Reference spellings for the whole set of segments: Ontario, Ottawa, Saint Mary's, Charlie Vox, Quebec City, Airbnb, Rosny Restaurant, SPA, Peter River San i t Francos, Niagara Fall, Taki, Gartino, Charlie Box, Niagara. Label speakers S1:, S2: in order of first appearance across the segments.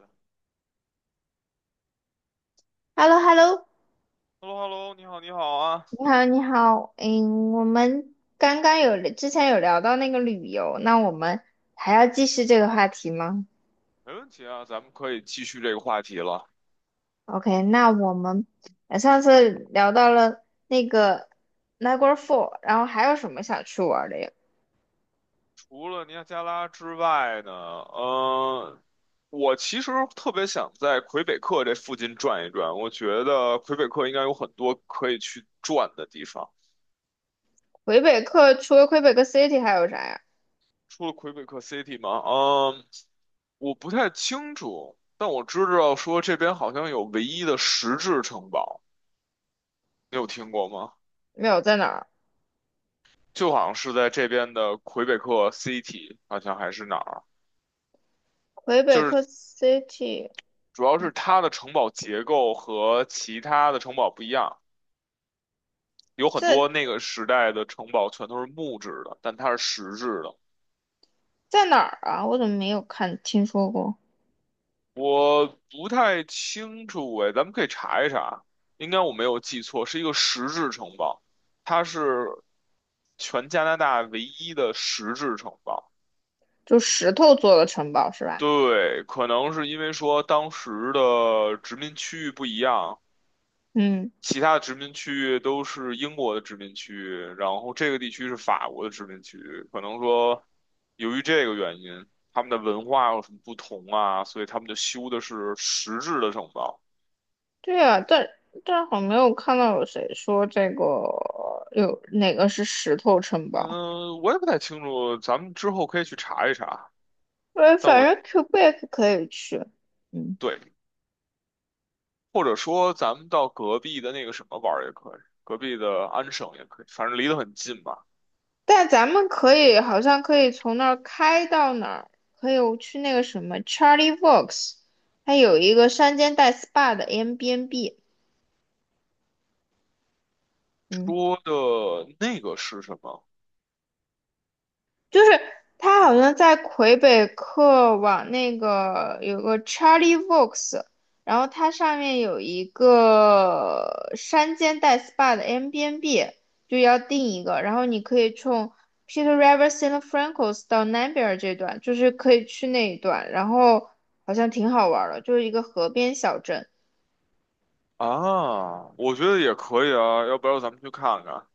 S1: h
S2: H e l l o, h e l l o.
S1: e l l o h e l l o 你好，你好啊，
S2: 你好，你好，嗯，我们刚刚有之前有聊到那个旅游，那我们还要继续这个话题吗
S1: 没问题啊，咱们可以继续这个话题了。
S2: ？OK，那我们上次聊到了那个 Niagara Fall，然后还有什么想去玩的呀？
S1: 除了尼亚加拉之外呢，我其实特别想在魁北克这附近转一转。我觉得魁北克应该有很多可以去转的地方。
S2: 魁北克除了魁北克 City 还有啥呀？
S1: 除了魁北克 City 吗？嗯，我不太清楚，但我知道说这边好像有唯一的石质城堡，你有听过吗？
S2: 没有，在哪儿？
S1: 就好像是在这边的魁北克 City，好像还是哪儿，
S2: 魁北
S1: 就是
S2: 克 City
S1: 主要是它的城堡结构和其他的城堡不一样，有很多
S2: 在
S1: 那个时代的城堡全都是木质的，但它是石质的。
S2: 在哪儿啊？我怎么没有看听说过？
S1: 我不太清楚哎，咱们可以查一查，应该我没有记错，是一个石质城堡，它是全加拿大唯一的石质城堡。
S2: 就石头做的城堡是吧？
S1: 对，可能是因为说当时的殖民区域不一样，
S2: 嗯。
S1: 其他的殖民区域都是英国的殖民区域，然后这个地区是法国的殖民区域。可能说，由于这个原因，他们的文化有什么不同啊？所以他们就修的是实质的城堡。
S2: 对啊，但好像没有看到有谁说这个有哪个是石头城堡。
S1: 嗯，我也不太清楚，咱们之后可以去查一查。
S2: 呃，
S1: 但
S2: 反
S1: 我
S2: 正 Quebec 可以去，嗯，
S1: 对，或者说咱们到隔壁的那个什么玩儿也可以，隔壁的安省也可以，反正离得很近吧。
S2: 但咱们可以好像可以从那儿开到哪儿，可以去那个什么 Charlie Vox，它有一个山间带 SPA 的 Airbnb。嗯，
S1: 说的那个是什么
S2: 就是它好像在魁北克往那个有个 Charlie Vox，然后它上面有一个山间带 SPA 的 Airbnb，就要订一个，然后你可以从 Peter River San i t Francos 到南边这段，就是可以去那一段，然后好像挺好玩的，就是一个河边小镇，
S1: 啊？我觉得也可以啊，要不要咱们去看看？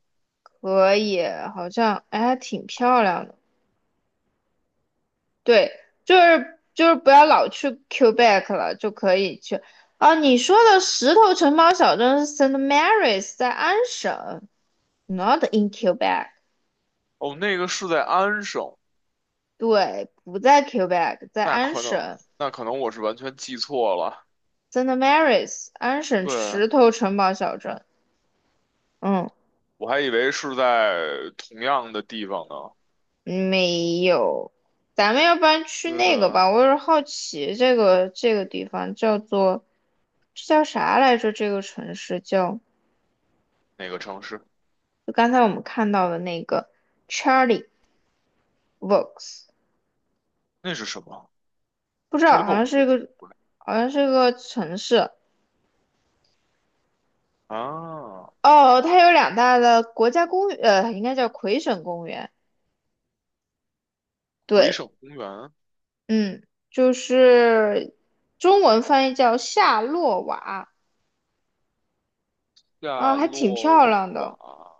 S2: 可以，好像哎还挺漂亮的。对，就是不要老去 Quebec 了，就可以去。啊，你说的石头城堡小镇是 Saint Mary's，在安省，not in Quebec。
S1: 哦，那个是在安省，
S2: 对，不在 Quebec，在
S1: 那
S2: 安
S1: 可能
S2: 省
S1: 那可能我是完全记错了，
S2: Saint Mary's，安省
S1: 对，
S2: 石头城堡小镇。嗯，
S1: 我还以为是在同样的地方呢。
S2: 没有。咱们要不然去
S1: 对
S2: 那个
S1: 的，
S2: 吧，我有点好奇这个地方叫做这叫啥来着？这个城市叫
S1: 哪个城市？
S2: 就刚才我们看到的那个 Charlie Vox，
S1: 那是什么
S2: 不知道，
S1: ？Charlie
S2: 好像
S1: Box
S2: 是一
S1: 是
S2: 个，
S1: 不是
S2: 好像是一个城市。
S1: 啊，
S2: 哦，它有两大的国家公园，呃，应该叫魁省公园。
S1: 回
S2: 对，
S1: 省公园，
S2: 嗯，就是中文翻译叫夏洛瓦啊，
S1: 夏
S2: 还挺
S1: 洛
S2: 漂亮的。
S1: 瓦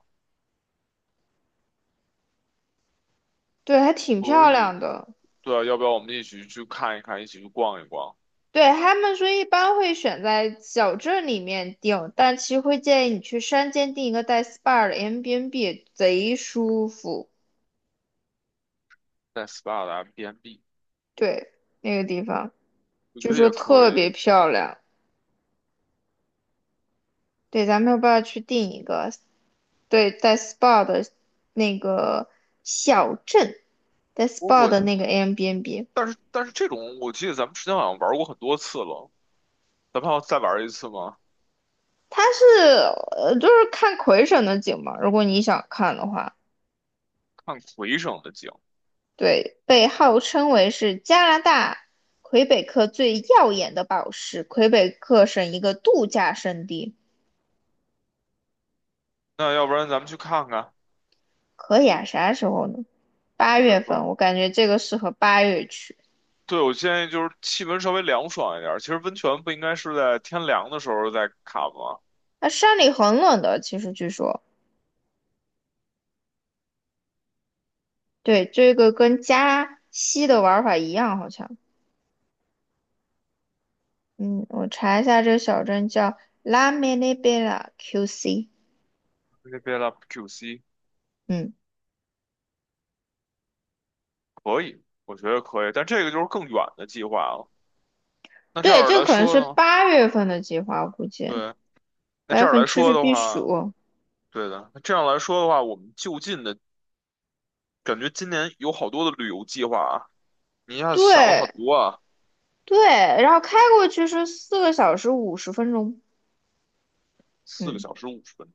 S2: 对，还挺
S1: 可
S2: 漂
S1: 以。
S2: 亮的。
S1: 对啊，要不要我们一起去看一看，一起去逛一逛，
S2: 对，他们说一般会选在小镇里面订，但其实会建议你去山间订一个带 SPA 的 a i b n b 贼舒服。
S1: 在 SPA 的 M b n b
S2: 对，那个地方
S1: 我觉
S2: 就
S1: 得
S2: 说
S1: 也可
S2: 特
S1: 以。
S2: 别漂亮。对，咱们要不要去定一个？对，带 SPA 的那个小镇，带
S1: 我
S2: SPA
S1: 我，
S2: 的那个 Airbnb。
S1: 但是这种，我记得咱们之前好像玩过很多次了，咱们还要再玩一次吗？
S2: 它是，就是看魁省的景嘛。如果你想看的话，
S1: 看魁省的景。
S2: 对，被号称为是加拿大魁北克最耀眼的宝石，魁北克省一个度假胜地。
S1: 那要不然咱们去看看
S2: 可以啊，啥时候呢？八
S1: 魁北
S2: 月份，
S1: 克？
S2: 我感觉这个适合八月去。
S1: 对，我建议就是气温稍微凉爽一点儿。其实温泉不应该是在天凉的时候再卡吗？
S2: 那山里很冷的，其实据说。对，这个跟加西的玩法一样，好像。嗯，我查一下，这个小镇叫拉梅内贝拉 QC。
S1: 那边的 QC
S2: 嗯，
S1: 可以，我觉得可以，但这个就是更远的计划了。那这
S2: 对，
S1: 样
S2: 这
S1: 来
S2: 个可能
S1: 说
S2: 是
S1: 呢？
S2: 八月份的计划，我估计
S1: 对，那
S2: 八
S1: 这
S2: 月
S1: 样
S2: 份
S1: 来
S2: 出
S1: 说
S2: 去
S1: 的
S2: 避
S1: 话，
S2: 暑。
S1: 对的。那这样来说的话，我们就近的感觉今年有好多的旅游计划啊。你一下子想了
S2: 对
S1: 很多啊，
S2: 对，然后开过去是4个小时50分钟。
S1: 四个
S2: 嗯，
S1: 小时五十分钟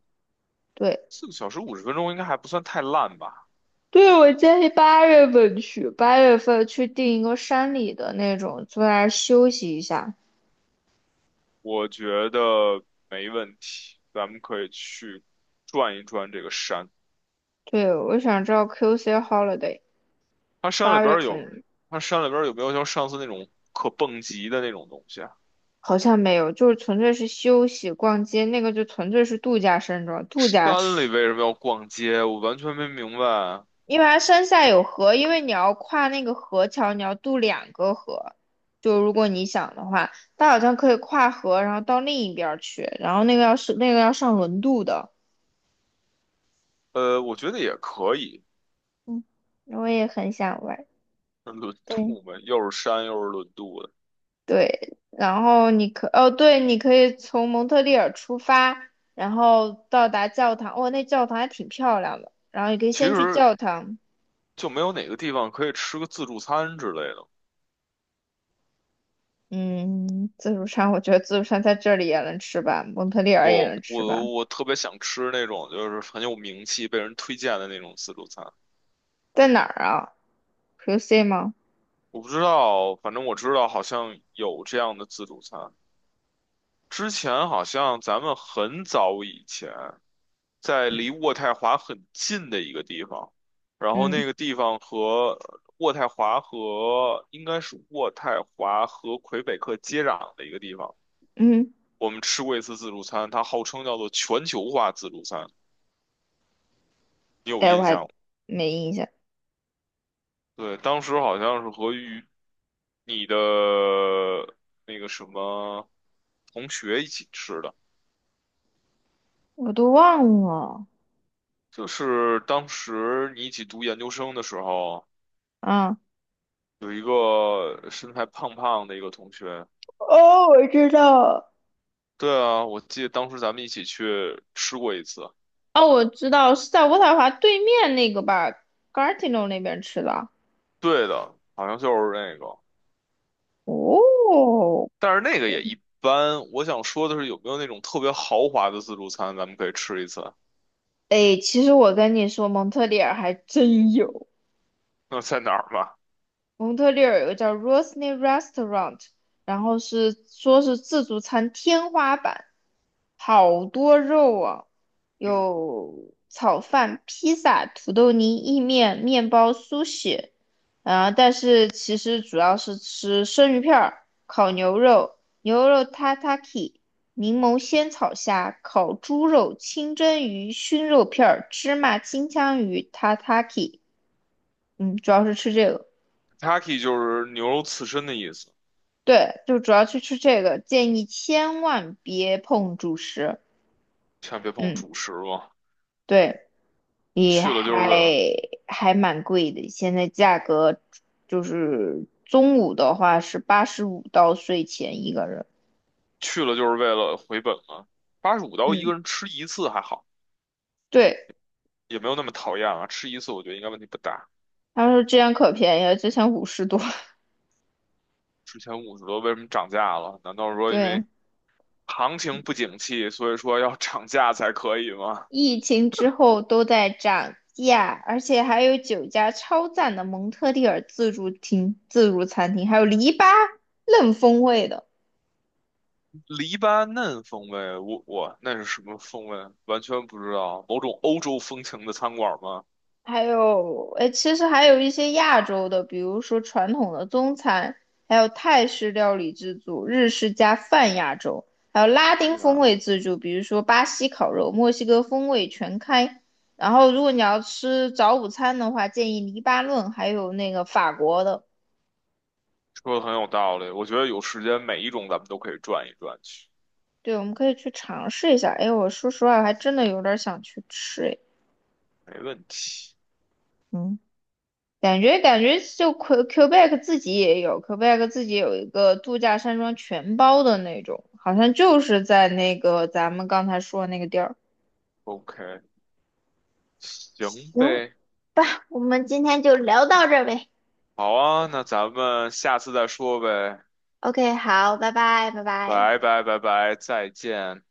S2: 对
S1: 四个小时五十分钟应该还不算太烂吧？
S2: 对，我建议八月份去，八月份去订一个山里的那种，坐在那儿休息一下。
S1: 我觉得没问题，咱们可以去转一转这个山。
S2: 对，我想知道 QC holiday
S1: 它山里
S2: 八
S1: 边
S2: 月
S1: 儿有，
S2: 份。
S1: 它山里边儿有没有像上次那种可蹦极的那种东西啊？
S2: 好像没有，就是纯粹是休息、逛街，那个就纯粹是度假山庄，度假，
S1: 山里为什么要逛街？我完全没明白啊。
S2: 因为它山下有河，因为你要跨那个河桥，你要渡2个河，就如果你想的话，它好像可以跨河，然后到另一边儿去，然后那个要是那个要上轮渡的。
S1: 我觉得也可以，
S2: 嗯，我也很想玩，
S1: 轮
S2: 对
S1: 渡呗，又是山又是轮渡的，
S2: 对，然后你可哦，对，你可以从蒙特利尔出发，然后到达教堂，哦，那教堂还挺漂亮的，然后你可以
S1: 其
S2: 先去
S1: 实
S2: 教堂。
S1: 就没有哪个地方可以吃个自助餐之类的。
S2: 嗯，自助餐，我觉得自助餐在这里也能吃吧，蒙特利尔也
S1: 不，
S2: 能吃吧。
S1: 我特别想吃那种就是很有名气、被人推荐的那种自助餐。
S2: 在哪儿啊？QC 吗？
S1: 我不知道，反正我知道好像有这样的自助餐。之前好像咱们很早以前在离渥太华很近的一个地方，然后那
S2: 嗯
S1: 个地方和渥太华和应该是渥太华和魁北克接壤的一个地方，
S2: 嗯，
S1: 我们吃过一次自助餐，它号称叫做全球化自助餐，你有
S2: 哎，我
S1: 印
S2: 还
S1: 象吗？
S2: 没印象，
S1: 对，当时好像是与你的那个什么同学一起吃的。
S2: 我都忘了。
S1: 就是当时你一起读研究生的时候，
S2: 啊，
S1: 有一个身材胖胖的一个同学。
S2: 哦，我知道了。
S1: 对啊，我记得当时咱们一起去吃过一次。
S2: 哦，我知道是在渥太华对面那个吧，Gartino 那边吃的。
S1: 对的，好像就是那个，
S2: 哦，
S1: 但是那个也一般。我想说的是，有没有那种特别豪华的自助餐，咱们可以吃一次？
S2: 哎，其实我跟你说，蒙特利尔还真有。
S1: 那在哪儿吧？
S2: 蒙特利尔有个叫 Rosny Restaurant，然后是说是自助餐天花板，好多肉啊，
S1: 嗯
S2: 有炒饭、披萨、土豆泥、意面、面包、苏式啊、但是其实主要是吃生鱼片儿、烤牛肉、牛肉 tataki、柠檬鲜草虾、烤猪肉、清蒸鱼、熏肉片儿、芝麻金枪鱼 tataki，嗯，主要是吃这个。
S1: ，Taki 就是牛肉刺身的意思，
S2: 对，就主要去吃这个，建议千万别碰主食。
S1: 千万别碰
S2: 嗯，
S1: 主食了。
S2: 对，也
S1: 去了就是为
S2: 还
S1: 了
S2: 还蛮贵的，现在价格就是中午的话是85到税前一个人。
S1: 去了就是为了回本嘛。$85一
S2: 嗯，
S1: 个人吃一次还好。
S2: 对，
S1: 也没有那么讨厌了，吃一次我觉得应该问题不大。
S2: 他说这样可便宜了，之前50多。
S1: 之前50多为什么涨价了？难道说因
S2: 对，
S1: 为行情不景气，所以说要涨价才可以吗？
S2: 疫情之后都在涨价，而且还有9家超赞的蒙特利尔自助厅、自助餐厅，还有篱笆嫩风味的。
S1: 黎巴嫩风味，我那是什么风味？完全不知道，某种欧洲风情的餐馆吗？
S2: 还有，哎，其实还有一些亚洲的，比如说传统的中餐，还有泰式料理自助、日式加泛亚洲，还有拉
S1: 可
S2: 丁
S1: 以
S2: 风
S1: 啊，
S2: 味自助，比如说巴西烤肉、墨西哥风味全开。然后，如果你要吃早午餐的话，建议黎巴嫩还有那个法国的。
S1: 说的很有道理，我觉得有时间每一种咱们都可以转一转去，
S2: 对，我们可以去尝试一下。哎，我说实话，我还真的有点儿想去吃，哎，
S1: 没问题。
S2: 嗯，感觉就 Quebec 自己也有，Quebec 自己有一个度假山庄全包的那种，好像就是在那个咱们刚才说的那个地儿。
S1: OK，行
S2: 行
S1: 呗，
S2: 吧，我们今天就聊到这儿呗。
S1: 好啊，那咱们下次再说呗，
S2: OK，好，拜拜，拜拜。
S1: 拜拜拜拜，再见。